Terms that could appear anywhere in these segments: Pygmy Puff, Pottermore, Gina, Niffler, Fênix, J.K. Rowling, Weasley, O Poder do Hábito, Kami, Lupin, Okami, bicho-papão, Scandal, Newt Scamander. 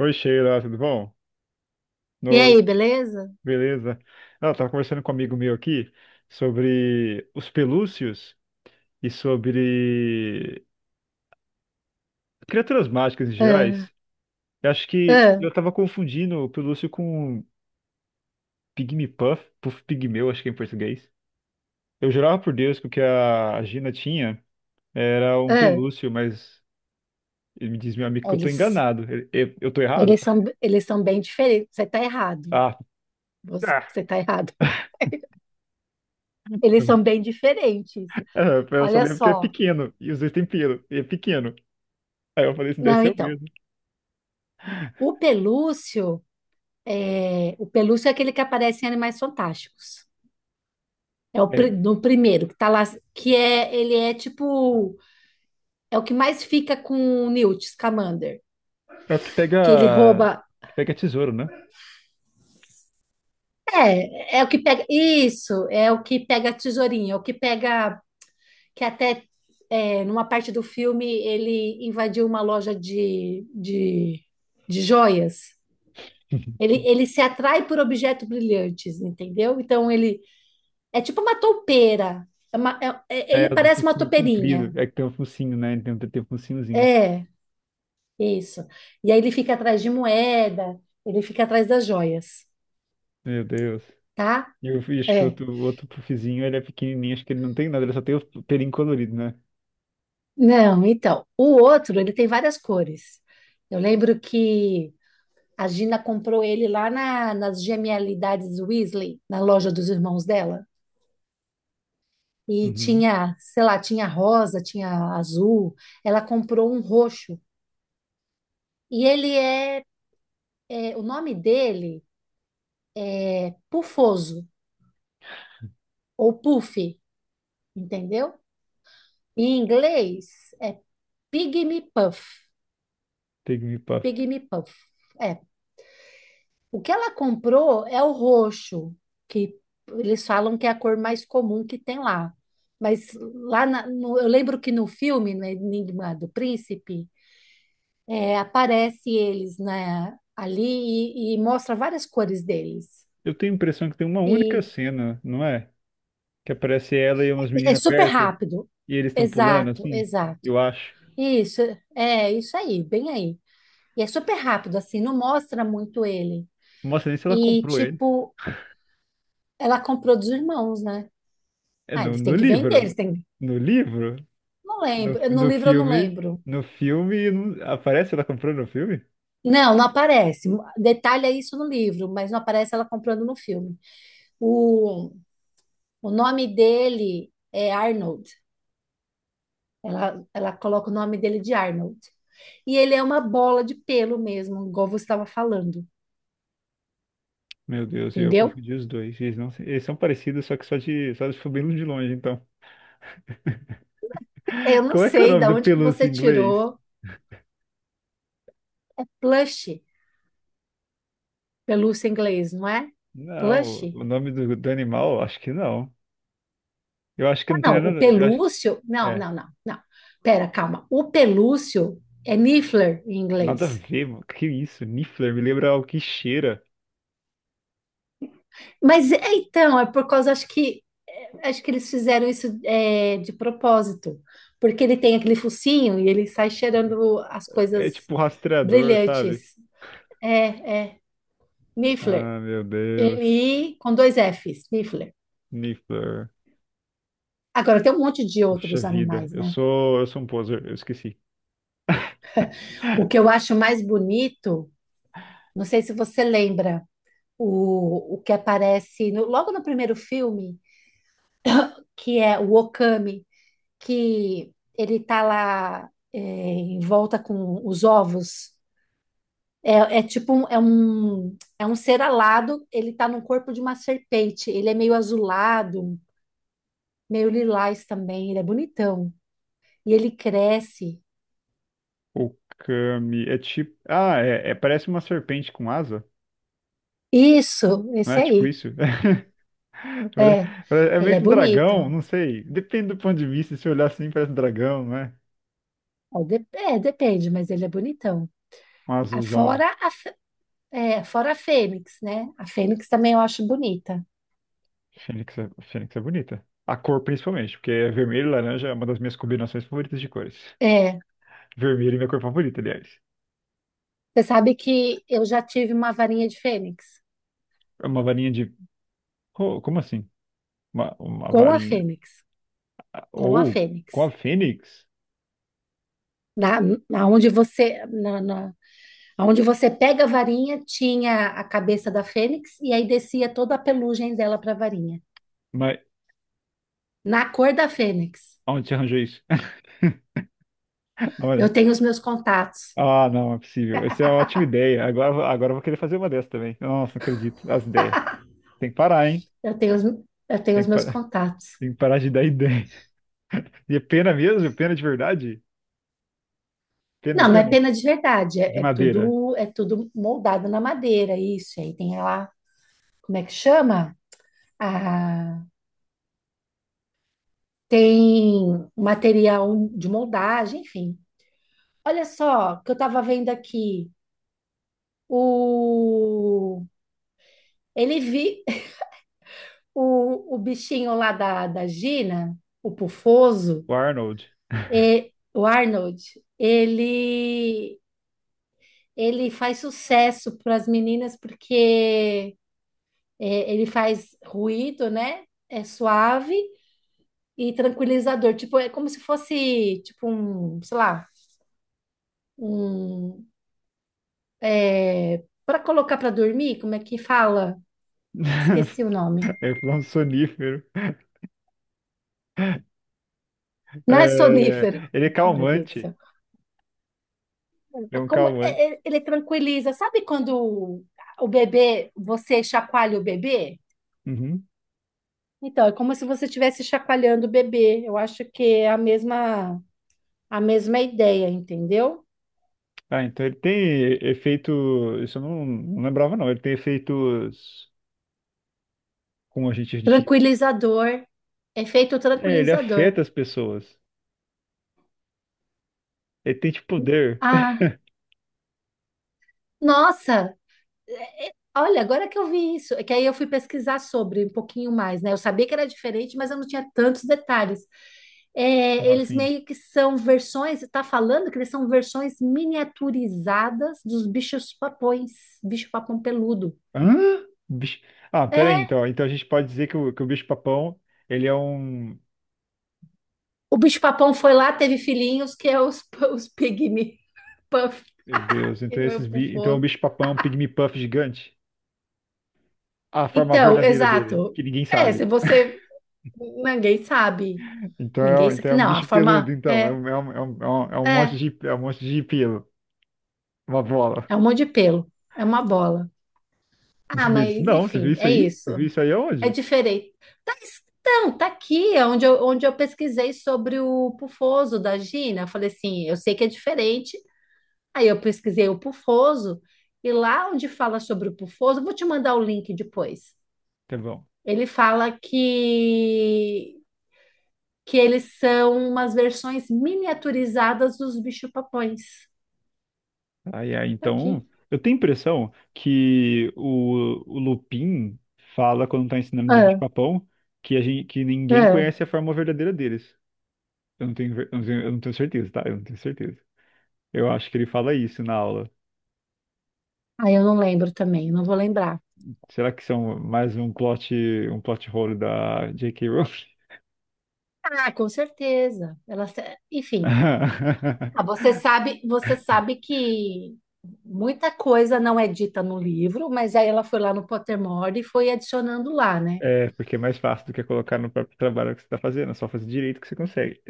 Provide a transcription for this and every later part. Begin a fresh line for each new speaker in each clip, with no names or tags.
Oi, Sheila, tudo bom?
E
Noite,
aí, beleza?
beleza? Ela estava conversando com um amigo meu aqui sobre os pelúcios e sobre criaturas mágicas em
Ah,
gerais. Eu acho que
ah,
eu estava confundindo o pelúcio com Pygmy Puff, Puff Pigmeu, acho que é em português. Eu jurava por Deus que o que a Gina tinha era um
ah.
pelúcio, mas ele me diz meu amigo
É,
que eu tô
eles,
enganado. Eu tô errado?
eles são, eles são bem diferentes. Você tá errado.
Ah,
Você,
ah.
você tá errado. Eles são bem diferentes.
É, eu só
Olha
lembro que é
só.
pequeno e os dois têm pelo, e é pequeno. Aí eu falei, isso deve
Não,
ser o
então,
mesmo.
o pelúcio o pelúcio é aquele que aparece em Animais Fantásticos. É o
É,
no primeiro que tá lá, que é, ele é tipo, é o que mais fica com o Newt Scamander,
é o
que ele rouba.
que pega tesouro, né?
É, é o que pega. Isso, é o que pega a tesourinha, é o que pega que até é, numa parte do filme ele invadiu uma loja de joias. Ele se atrai por objetos brilhantes, entendeu? Então ele é tipo uma toupeira. Ele
É, o do
parece uma
focinho comprido.
toupeirinha.
É que tem um focinho, né? Ele tem, um, tem um focinhozinho.
É, isso. E aí ele fica atrás de moeda, ele fica atrás das joias,
Meu Deus.
tá?
E eu acho que
É.
o outro puffzinho, ele é pequenininho. Acho que ele não tem nada, ele só tem o pelinho colorido, né?
Não, então, o outro, ele tem várias cores. Eu lembro que a Gina comprou ele lá nas Genialidades Weasley, na loja dos irmãos dela. E
Uhum.
tinha, sei lá, tinha rosa, tinha azul. Ela comprou um roxo. E ele é, é, o nome dele é Pufoso, ou Puff, entendeu? Em inglês é Pygmy Puff.
Take me puff.
Pygmy Puff. É, o que ela comprou é o roxo, que eles falam que é a cor mais comum que tem lá. Mas lá eu lembro que no filme, no Enigma do Príncipe, é, aparece eles né, ali e mostra várias cores deles.
Eu tenho a impressão que tem uma única
E
cena, não é? Que aparece ela e umas
é
meninas
super
perto
rápido.
e eles estão pulando,
Exato,
assim.
exato.
Eu acho.
Isso, é isso aí, bem aí. E é super rápido, assim, não mostra muito ele.
Não mostra nem se ela
E,
comprou ele.
tipo, ela comprou dos irmãos, né?
É
Ah,
no,
eles
no
têm que vender,
livro.
eles têm.
No livro?
Não
No,
lembro, no
no
livro eu não
filme,
lembro.
no filme, aparece ela comprando no filme?
Não, não aparece. Detalha isso no livro, mas não aparece ela comprando no filme. O, o nome dele é Arnold. Ela coloca o nome dele de Arnold. E ele é uma bola de pelo mesmo, igual você estava falando,
Meu Deus, eu
entendeu?
confundi os dois. Eles não, se- Eles são parecidos, só que só de foi bem de longe, então.
Eu não
Qual é que é o
sei
nome
da
do
onde que
pelúcia
você
em inglês?
tirou plush, pelúcia em inglês, não é?
Não,
Plush?
o nome do, do animal, acho que não. Eu acho que
Ah,
não tem
não, o
nada, eu acho,
pelúcio. Não,
é,
não, não, não. Pera, calma. O pelúcio é niffler em
nada a
inglês.
ver, mano. Que isso? Niffler me lembra algo que cheira.
Mas é, então, é por causa, acho que é, acho que eles fizeram isso é, de propósito, porque ele tem aquele focinho e ele sai cheirando as coisas
É tipo rastreador, sabe?
brilhantes. É, é, Niffler.
Ah, meu Deus.
N-I com dois Fs, Niffler.
Niffler.
Agora, tem um monte de
Puxa
outros
vida,
animais, né?
eu sou um poser, eu esqueci.
O que eu acho mais bonito, não sei se você lembra, o que aparece logo no primeiro filme, que é o Okami, que ele tá lá é, em volta com os ovos. É, é tipo um, é um, é um ser alado, ele tá no corpo de uma serpente. Ele é meio azulado, meio lilás também, ele é bonitão. E ele cresce.
O Kami é tipo. Ah, é, parece uma serpente com asa.
Isso,
Não
esse
é tipo
aí.
isso? Pare-
É,
É
ele
meio
é
que um
bonito.
dragão, não sei. Depende do ponto de vista. Se olhar assim, parece um dragão, não é?
É, é, depende, mas ele é bonitão.
Um
Ah,
azulzão.
fora a, é, fora a Fênix, né? A Fênix também eu acho bonita.
Fênix é bonita. A cor, principalmente, porque é vermelho e laranja é uma das minhas combinações favoritas de cores.
É,
Vermelho é minha cor favorita, aliás.
você sabe que eu já tive uma varinha de Fênix.
É uma varinha de. Como assim? Uma
Com a
varinha.
Fênix, com a
Ou com
Fênix.
a Fênix?
Na, na onde você, na, na, onde você pega a varinha, tinha a cabeça da Fênix e aí descia toda a pelugem dela para a varinha.
Mas
Na cor da Fênix.
onde você arranjou isso?
Eu tenho os meus contatos.
Ah, não, é possível. Essa é uma ótima ideia. Agora eu vou querer fazer uma dessa também. Nossa, não acredito. As ideias. Tem que parar, hein?
Eu tenho os, eu tenho
Tem
os
que
meus
parar,
contatos.
tem que parar de dar ideia. E é pena mesmo? Pena de verdade? Pena,
Não, não é
pena?
pena de verdade,
De
é,
madeira.
é tudo moldado na madeira, isso. Aí tem lá, como é que chama? Ah, tem material de moldagem, enfim. Olha só, o que eu estava vendo aqui, o... Ele vi o bichinho lá da Gina, o Pufoso,
O Arnold.
e, o Arnold, ele, ele faz sucesso para as meninas porque é, ele faz ruído, né? É suave e tranquilizador. Tipo, é como se fosse, tipo, um, sei lá, um... É, para colocar para dormir, como é que fala? Esqueci o nome.
É um sonífero.
Não é
É,
sonífero.
ele é
Meu Deus do
calmante.
céu.
É
É
um
Como é-
calmante.
ele tranquiliza, sabe quando o bebê, você chacoalha o bebê?
Uhum.
Então, é como se você estivesse chacoalhando o bebê. Eu acho que é a mesma ideia, entendeu?
Ah, então ele tem efeito. Isso eu não, não lembrava, não. Ele tem efeitos. Como a gente diz.
Tranquilizador, efeito
É, ele afeta
tranquilizador.
as pessoas. Ele tem tipo poder.
Ah, nossa! Olha, agora que eu vi isso, é que aí eu fui pesquisar sobre um pouquinho mais, né? Eu sabia que era diferente, mas eu não tinha tantos detalhes. É,
Como
eles
assim?
meio que são versões, tá falando que eles são versões miniaturizadas dos bichos papões, bicho papão peludo.
Hã? Bicho... Ah, peraí,
É,
então. Então a gente pode dizer que que o bicho-papão, ele é um.
o bicho papão foi lá, teve filhinhos, que é os, os pygmy puff,
Meu Deus, então esses
meu
bi... então o
pufoso.
bicho-papão é um pygmy puff gigante? A forma
Então,
verdadeira dele,
exato.
que ninguém
É, se
sabe.
você, ninguém sabe, ninguém
Então é
sabe,
um
não, a
bicho peludo,
forma,
então. É
é,
um, é um, é um, é um é um monte
é,
de, é um monte de pelo. Uma bola.
é um monte de pelo, é uma bola.
Não
Ah,
sabia disso.
mas
Não, você viu
enfim,
isso
é
aí?
isso.
Você viu isso aí
É
aonde?
diferente. Tá, então, tá aqui, é onde eu pesquisei sobre o pufoso da Gina. Eu falei assim, eu sei que é diferente. Aí eu pesquisei o pufoso, e lá onde fala sobre o pufoso, eu vou te mandar o link depois.
Tá bom.
Ele fala que eles são umas versões miniaturizadas dos bicho-papões.
Ai, ai,
Tá
então,
aqui.
eu tenho a impressão que o Lupin fala quando tá ensinando de
É,
bicho-papão que, a gente, que ninguém
é.
conhece a forma verdadeira deles. Eu não tenho, eu não tenho certeza, tá? Eu não tenho certeza. Eu acho que ele fala isso na aula.
Aí eu não lembro também, não vou lembrar.
Será que são mais um plot hole da J.K. Rowling?
Ah, com certeza. Ela, enfim. Ah, você sabe que muita coisa não é dita no livro, mas aí ela foi lá no Pottermore e foi adicionando lá, né?
É, porque é mais fácil do que colocar no próprio trabalho que você tá fazendo, é só fazer direito que você consegue.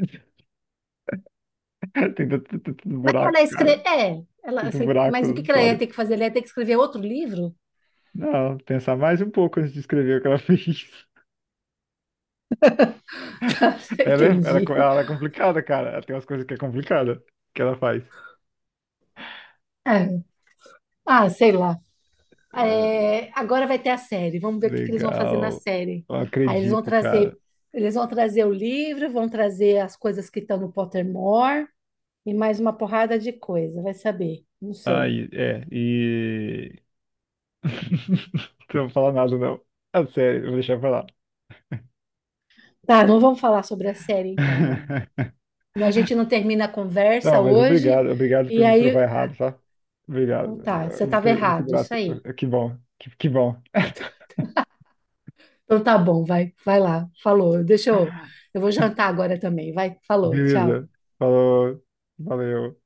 Tem tanto, tanto
Mas ela
buraco, cara.
escreve, é, ela,
Tanto
assim,
buraco
mas o que
na
que ela ia
história.
ter que fazer? Ela ia ter que escrever outro livro?
Não, pensar mais um pouco antes de escrever o que ela fez.
Entendi.
Ela é complicada, cara. Ela tem umas coisas que é complicada que ela faz.
É. Ah, sei lá.
Ah,
É, agora vai ter a série. Vamos ver o que que eles vão fazer na
legal.
série.
Eu
Aí
acredito, cara.
eles vão trazer o livro, vão trazer as coisas que estão no Pottermore e mais uma porrada de coisa. Vai saber. Não sei.
Ai, é, e. Não vou falar nada, não. Ah, sério, eu vou deixar pra lá.
Tá, não vamos falar sobre a série então, não. A gente não termina a
Não,
conversa
mas
hoje,
obrigado, obrigado
e
por me provar
aí.
errado, tá?
Então
Obrigado.
tá, você
Muito,
estava
muito
errado, isso
grato.
aí.
Que bom, que bom.
Então tá bom, vai, vai lá, falou. Deixa eu. Eu vou jantar agora também, vai, falou, tchau.
Beleza. Falou, valeu.